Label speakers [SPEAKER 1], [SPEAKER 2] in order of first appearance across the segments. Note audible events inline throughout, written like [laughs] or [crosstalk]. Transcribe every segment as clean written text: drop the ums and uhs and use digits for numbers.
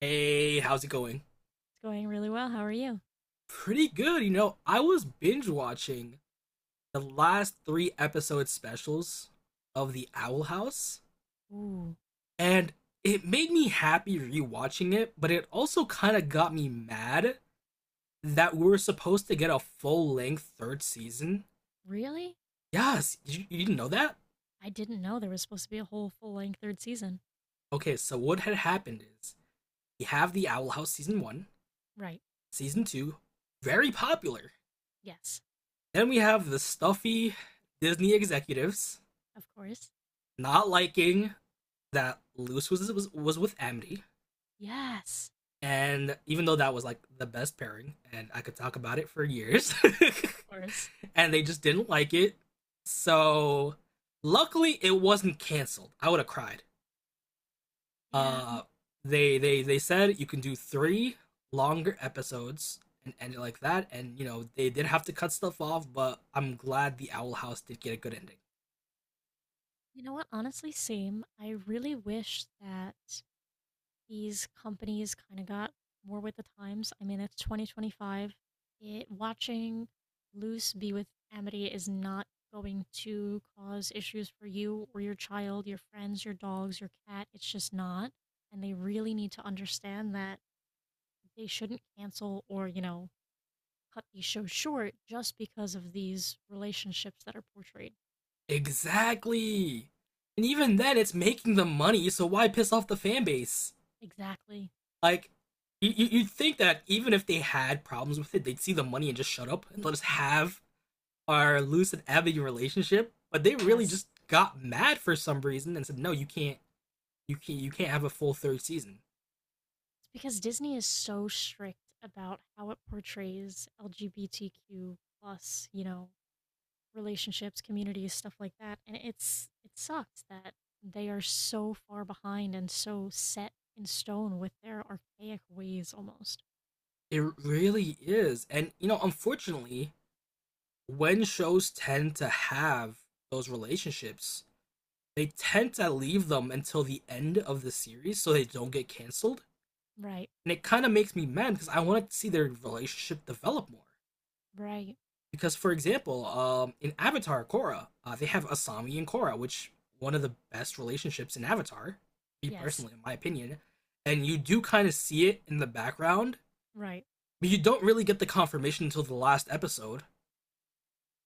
[SPEAKER 1] Hey, how's it going?
[SPEAKER 2] It's going really well. How are you?
[SPEAKER 1] Pretty good. I was binge watching the last three episode specials of The Owl House,
[SPEAKER 2] Ooh,
[SPEAKER 1] and it made me happy rewatching it, but it also kind of got me mad that we were supposed to get a full length third season.
[SPEAKER 2] really?
[SPEAKER 1] Yes, you didn't know that?
[SPEAKER 2] I didn't know there was supposed to be a whole full length third season.
[SPEAKER 1] Okay, so what had happened is we have The Owl House season one,
[SPEAKER 2] Right.
[SPEAKER 1] season two, very popular.
[SPEAKER 2] Yes.
[SPEAKER 1] Then we have the stuffy Disney executives
[SPEAKER 2] Of course.
[SPEAKER 1] not liking that Lewis was with Amity,
[SPEAKER 2] Yes.
[SPEAKER 1] and even though that was like the best pairing, and I could talk about it for years,
[SPEAKER 2] Of course.
[SPEAKER 1] [laughs] and they just didn't like it. So luckily, it wasn't canceled. I would have cried.
[SPEAKER 2] Yeah.
[SPEAKER 1] Uh, they said you can do three longer episodes and end it like that. And you know they did have to cut stuff off, but I'm glad the Owl House did get a good ending.
[SPEAKER 2] You know what? Honestly, same. I really wish that these companies kind of got more with the times. I mean, it's 2025. It watching Loose be with Amity is not going to cause issues for you or your child, your friends, your dogs, your cat. It's just not. And they really need to understand that they shouldn't cancel or, cut these shows short just because of these relationships that are portrayed.
[SPEAKER 1] Exactly. And even then, it's making them money, so why piss off the fan base?
[SPEAKER 2] Exactly.
[SPEAKER 1] Like, you would think that even if they had problems with it, they'd see the money and just shut up and let us have our loose and ambigu relationship. But they really
[SPEAKER 2] Yes.
[SPEAKER 1] just got mad for some reason and said, "No, you can't, you can't, you can't have a full third season."
[SPEAKER 2] Because Disney is so strict about how it portrays LGBTQ plus, relationships, communities, stuff like that. And it sucks that they are so far behind and so set in stone with their archaic ways almost.
[SPEAKER 1] It really is, and you know, unfortunately, when shows tend to have those relationships, they tend to leave them until the end of the series so they don't get canceled.
[SPEAKER 2] Right.
[SPEAKER 1] And it kind of makes me mad because I want to see their relationship develop more.
[SPEAKER 2] Right.
[SPEAKER 1] Because, for example, in Avatar Korra, they have Asami and Korra, which one of the best relationships in Avatar, me
[SPEAKER 2] Yes.
[SPEAKER 1] personally, in my opinion. And you do kind of see it in the background,
[SPEAKER 2] Right.
[SPEAKER 1] but you don't really get the confirmation until the last episode.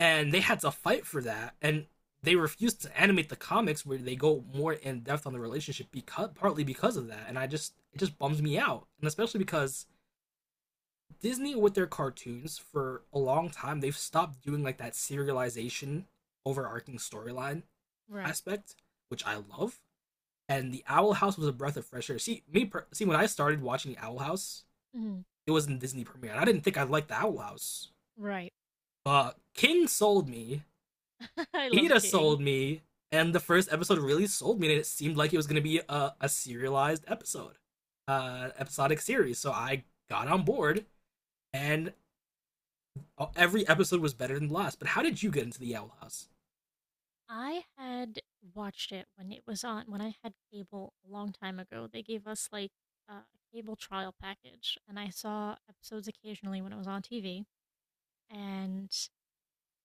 [SPEAKER 1] And they had to fight for that, and they refused to animate the comics where they go more in depth on the relationship because partly because of that. And I just it just bums me out, and especially because Disney with their cartoons for a long time, they've stopped doing like that serialization overarching storyline
[SPEAKER 2] Right.
[SPEAKER 1] aspect, which I love. And the Owl House was a breath of fresh air. See when I started watching the Owl House,
[SPEAKER 2] Mm,
[SPEAKER 1] it was in Disney premiere, and I didn't think I liked the Owl House.
[SPEAKER 2] right.
[SPEAKER 1] But King sold me,
[SPEAKER 2] [laughs] I love
[SPEAKER 1] Ida
[SPEAKER 2] King.
[SPEAKER 1] sold me, and the first episode really sold me. And it seemed like it was going to be a serialized episode, episodic series. So I got on board, and oh, every episode was better than the last. But how did you get into the Owl House?
[SPEAKER 2] I had watched it when it was on when I had cable a long time ago. They gave us like a cable trial package, and I saw episodes occasionally when it was on TV. And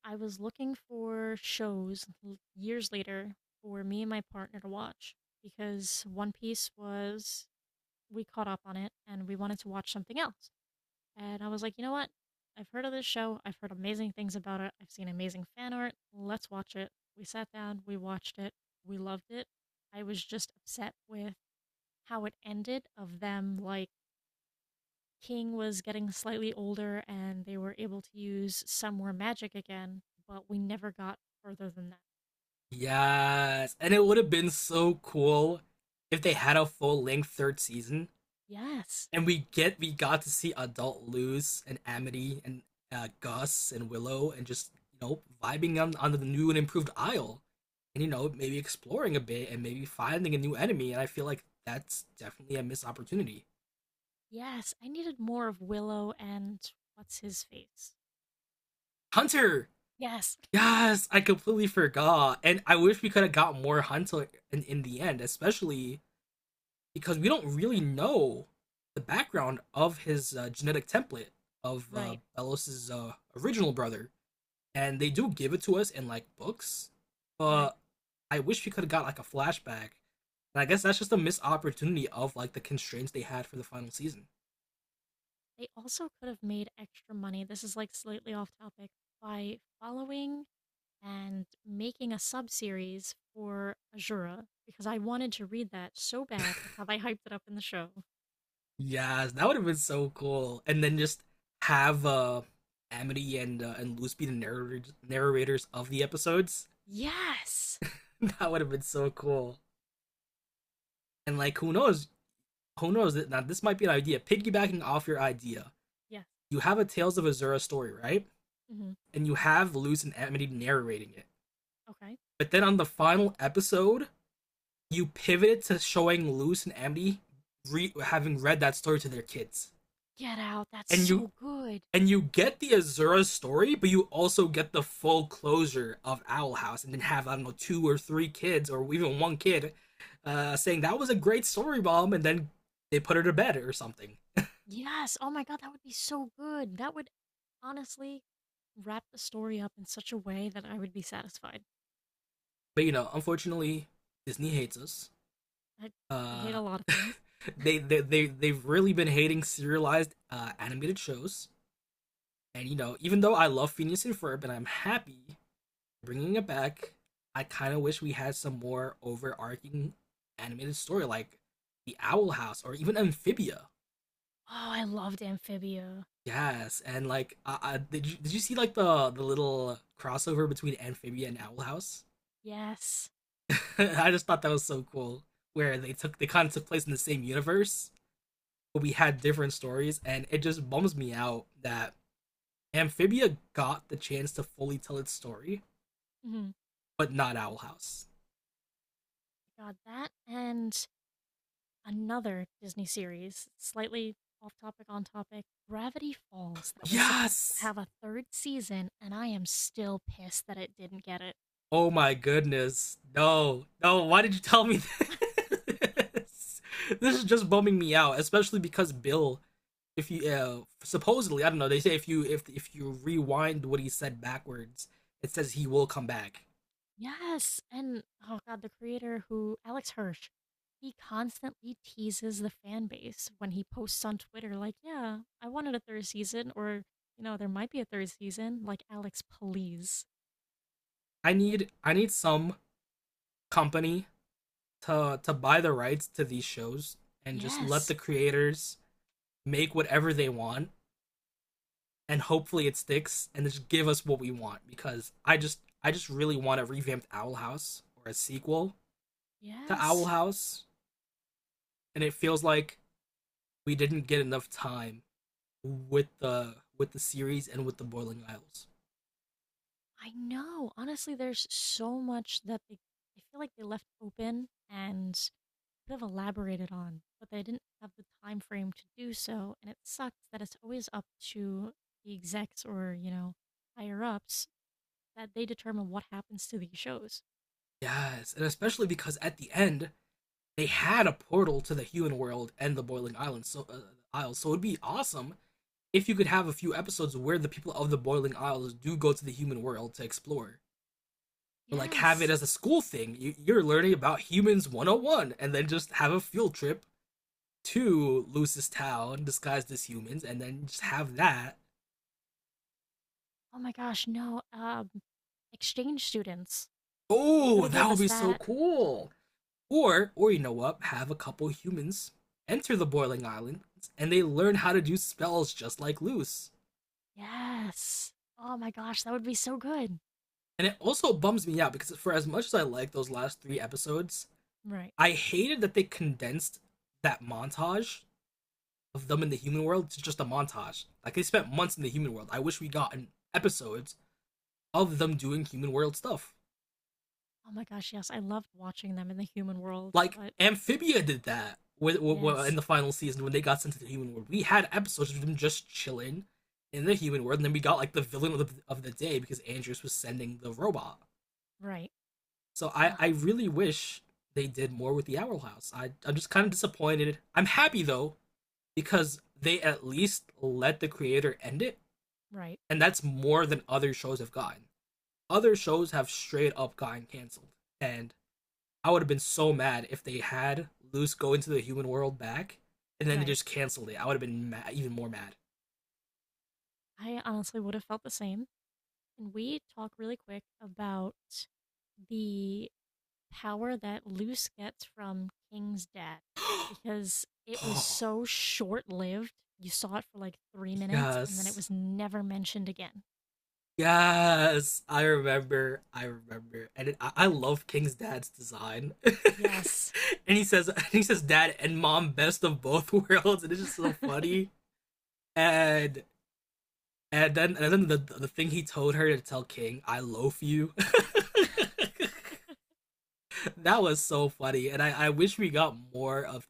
[SPEAKER 2] I was looking for shows years later for me and my partner to watch because One Piece was we caught up on it and we wanted to watch something else. And I was like, you know what? I've heard of this show. I've heard amazing things about it. I've seen amazing fan art. Let's watch it. We sat down, we watched it, we loved it. I was just upset with how it ended of them like King was getting slightly older and they were able to use some more magic again, but we never got further than that.
[SPEAKER 1] Yes, and it would have been so cool if they had a full length third season,
[SPEAKER 2] Yes.
[SPEAKER 1] and we got to see adult Luz and Amity and Gus and Willow, and just you know vibing on the new and improved Isle, and you know maybe exploring a bit and maybe finding a new enemy. And I feel like that's definitely a missed opportunity.
[SPEAKER 2] Yes, I needed more of Willow and what's his face.
[SPEAKER 1] Hunter,
[SPEAKER 2] Yes.
[SPEAKER 1] yes, I completely forgot. And I wish we could have got more Hunter in the end, especially because we don't really know the background of his genetic template of
[SPEAKER 2] Right.
[SPEAKER 1] Belos's original brother. And they do give it to us in like books,
[SPEAKER 2] Right.
[SPEAKER 1] but I wish we could have got like a flashback. And I guess that's just a missed opportunity of like the constraints they had for the final season.
[SPEAKER 2] They also could have made extra money. This is like slightly off topic by following and making a sub series for Azura because I wanted to read that so bad with how they hyped it up in the show.
[SPEAKER 1] Yes, that would have been so cool. And then just have Amity and and Luz be the narrators of the episodes.
[SPEAKER 2] Yes.
[SPEAKER 1] [laughs] That would have been so cool. And like, who knows? Who knows? That now this might be an idea. Piggybacking off your idea,
[SPEAKER 2] Yes.
[SPEAKER 1] you have a Tales of Azura story, right?
[SPEAKER 2] Hmm.
[SPEAKER 1] And you have Luz and Amity narrating it.
[SPEAKER 2] Okay.
[SPEAKER 1] But then on the final episode, you pivoted to showing Luz and Amity having read that story to their kids,
[SPEAKER 2] Get out. That's
[SPEAKER 1] and you
[SPEAKER 2] so good.
[SPEAKER 1] and you get the Azura story, but you also get the full closure of Owl House, and then have I don't know two or three kids, or even one kid, saying that was a great story, mom, and then they put her to bed or something.
[SPEAKER 2] Yes. Oh my God. That would be so good. That would honestly wrap the story up in such a way that I would be satisfied.
[SPEAKER 1] But you know, unfortunately, Disney hates us.
[SPEAKER 2] I, I hate a
[SPEAKER 1] Uh,
[SPEAKER 2] lot of things.
[SPEAKER 1] [laughs] they've really been hating serialized animated shows, and you know, even though I love Phineas and Ferb, and I'm happy bringing it back. I kind of wish we had some more overarching animated story, like the Owl House or even Amphibia.
[SPEAKER 2] Oh, I loved Amphibia.
[SPEAKER 1] Yes, and like, did you see like the little crossover between Amphibia and Owl House?
[SPEAKER 2] Yes.
[SPEAKER 1] [laughs] I just thought that was so cool, where they kind of took place in the same universe, but we had different stories, and it just bums me out that Amphibia got the chance to fully tell its story,
[SPEAKER 2] Mhm.
[SPEAKER 1] but not Owl House.
[SPEAKER 2] God, that and another Disney series, slightly off topic, on topic, Gravity Falls, that was supposed to
[SPEAKER 1] Yes,
[SPEAKER 2] have a third season, and I am still pissed that it didn't get it.
[SPEAKER 1] oh my goodness. No. No, why did you tell me this? [laughs] This is just bumming me out, especially because Bill, if you supposedly, I don't know, they say if you rewind what he said backwards, it says he will come back.
[SPEAKER 2] Yes, and oh God, the creator who, Alex Hirsch, he constantly teases the fan base when he posts on Twitter, like, yeah, I wanted a third season, or, you know, there might be a third season. Like, Alex, please.
[SPEAKER 1] I need some company to buy the rights to these shows and just let the
[SPEAKER 2] Yes,
[SPEAKER 1] creators make whatever they want and hopefully it sticks and just give us what we want because I just really want a revamped Owl House or a sequel to Owl
[SPEAKER 2] yes.
[SPEAKER 1] House, and it feels like we didn't get enough time with the series and with the Boiling Isles.
[SPEAKER 2] I know. Honestly, there's so much that they, I feel like they left open and could have elaborated on, but they didn't have the time frame to do so. And it sucks that it's always up to the execs or, higher ups that they determine what happens to these shows.
[SPEAKER 1] Yes, and especially because at the end they had a portal to the human world and the Boiling Islands, so Isles. So it'd be awesome if you could have a few episodes where the people of the Boiling Isles do go to the human world to explore or like have it
[SPEAKER 2] Yes.
[SPEAKER 1] as a school thing. You're learning about humans 101 and then just have a field trip to Lucis Town disguised as humans and then just have that.
[SPEAKER 2] Oh my gosh, no. Exchange students. They could
[SPEAKER 1] Oh,
[SPEAKER 2] have
[SPEAKER 1] that
[SPEAKER 2] gave
[SPEAKER 1] would
[SPEAKER 2] us
[SPEAKER 1] be so
[SPEAKER 2] that.
[SPEAKER 1] cool. Or you know what, have a couple humans enter the Boiling Island and they learn how to do spells just like Luce.
[SPEAKER 2] Yes. Oh my gosh, that would be so good.
[SPEAKER 1] And it also bums me out because for as much as I like those last three episodes,
[SPEAKER 2] Right.
[SPEAKER 1] I hated that they condensed that montage of them in the human world. It's just a montage. Like, they spent months in the human world. I wish we got an episodes of them doing human world stuff,
[SPEAKER 2] Oh my gosh, yes. I loved watching them in the human world,
[SPEAKER 1] like
[SPEAKER 2] but
[SPEAKER 1] Amphibia did that in
[SPEAKER 2] Yes.
[SPEAKER 1] the final season when they got sent to the human world. We had episodes of them just chilling in the human world, and then we got like the villain of the, day, because Andrews was sending the robot.
[SPEAKER 2] Right.
[SPEAKER 1] So i
[SPEAKER 2] Ugh,
[SPEAKER 1] i really wish they did more with the Owl House. I'm just kind of disappointed. I'm happy though, because they at least let the creator end it,
[SPEAKER 2] right.
[SPEAKER 1] and that's more than other shows have gotten. Other shows have straight up gotten canceled, and I would have been so mad if they had Luce go into the human world back, and then they
[SPEAKER 2] Right.
[SPEAKER 1] just canceled it. I would have been even more mad.
[SPEAKER 2] I honestly would have felt the same. And we talk really quick about the power that Luce gets from King's dad because
[SPEAKER 1] [gasps]
[SPEAKER 2] it was
[SPEAKER 1] Oh,
[SPEAKER 2] so short lived. You saw it for like 3 minutes and then it
[SPEAKER 1] yes.
[SPEAKER 2] was never mentioned again.
[SPEAKER 1] Yes, I remember. I remember, and I love King's dad's design. [laughs] and
[SPEAKER 2] Yes.
[SPEAKER 1] he says, [laughs] and he says, "Dad and Mom, best of both [laughs] worlds," and it's just
[SPEAKER 2] [laughs]
[SPEAKER 1] so funny. And and then the thing he told her to tell King, "I loaf you." [laughs] That was so funny, and I wish we got more of.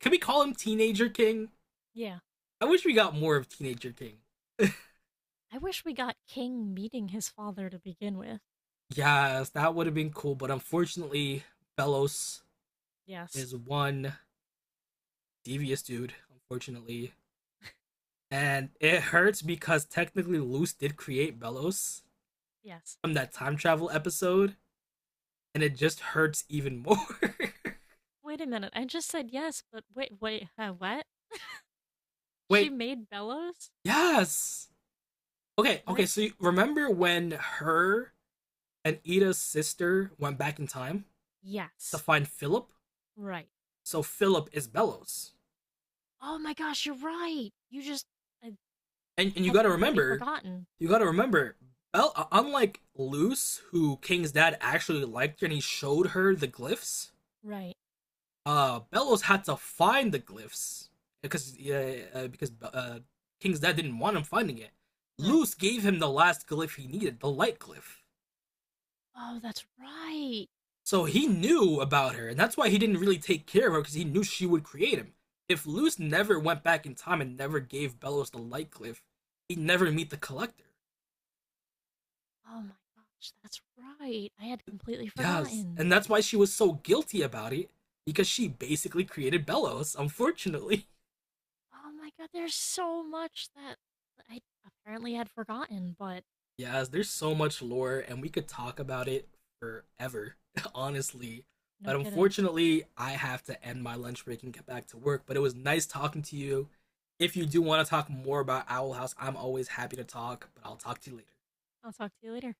[SPEAKER 1] Can we call him Teenager King?
[SPEAKER 2] Yeah.
[SPEAKER 1] I wish we got more of Teenager King. [laughs]
[SPEAKER 2] I wish we got King meeting his father to begin with.
[SPEAKER 1] Yes, that would have been cool, but unfortunately, Belos
[SPEAKER 2] Yes.
[SPEAKER 1] is one devious dude. Unfortunately, and it hurts because technically Luce did create Belos
[SPEAKER 2] Yes.
[SPEAKER 1] from that time travel episode, and it just hurts even more. [laughs]
[SPEAKER 2] Wait a minute. I just said yes, but wait, wait, what? She
[SPEAKER 1] Wait,
[SPEAKER 2] made Bellows?
[SPEAKER 1] yes. Okay,
[SPEAKER 2] Did
[SPEAKER 1] okay.
[SPEAKER 2] I?
[SPEAKER 1] So you remember when her and Ida's sister went back in time? To
[SPEAKER 2] Yes.
[SPEAKER 1] find Philip.
[SPEAKER 2] Right.
[SPEAKER 1] So Philip is Bellows,
[SPEAKER 2] Oh my gosh, you're right. You just
[SPEAKER 1] and
[SPEAKER 2] I had completely forgotten.
[SPEAKER 1] you got to remember, unlike Luce, who King's dad actually liked her and he showed her the glyphs.
[SPEAKER 2] Right.
[SPEAKER 1] Bellows had to find the glyphs because yeah, because King's dad didn't want him finding it.
[SPEAKER 2] Right.
[SPEAKER 1] Luce gave him the last glyph he needed, the light glyph.
[SPEAKER 2] Oh, that's right.
[SPEAKER 1] So he
[SPEAKER 2] Oh,
[SPEAKER 1] knew about her, and that's why he didn't really take care of her because he knew she would create him. If Luce never went back in time and never gave Bellows the light cliff, he'd never meet the collector.
[SPEAKER 2] oh my gosh, that's right. I had completely
[SPEAKER 1] Yes,
[SPEAKER 2] forgotten.
[SPEAKER 1] and that's why she was so guilty about it because she basically created Bellows, unfortunately. [laughs]
[SPEAKER 2] Oh my god, there's so much that I apparently had forgotten, but
[SPEAKER 1] Yes, there's so much lore, and we could talk about it forever, [laughs] honestly.
[SPEAKER 2] no
[SPEAKER 1] But
[SPEAKER 2] kidding.
[SPEAKER 1] unfortunately, I have to end my lunch break and get back to work. But it was nice talking to you. If you do want to talk more about Owl House, I'm always happy to talk, but I'll talk to you later.
[SPEAKER 2] I'll talk to you later.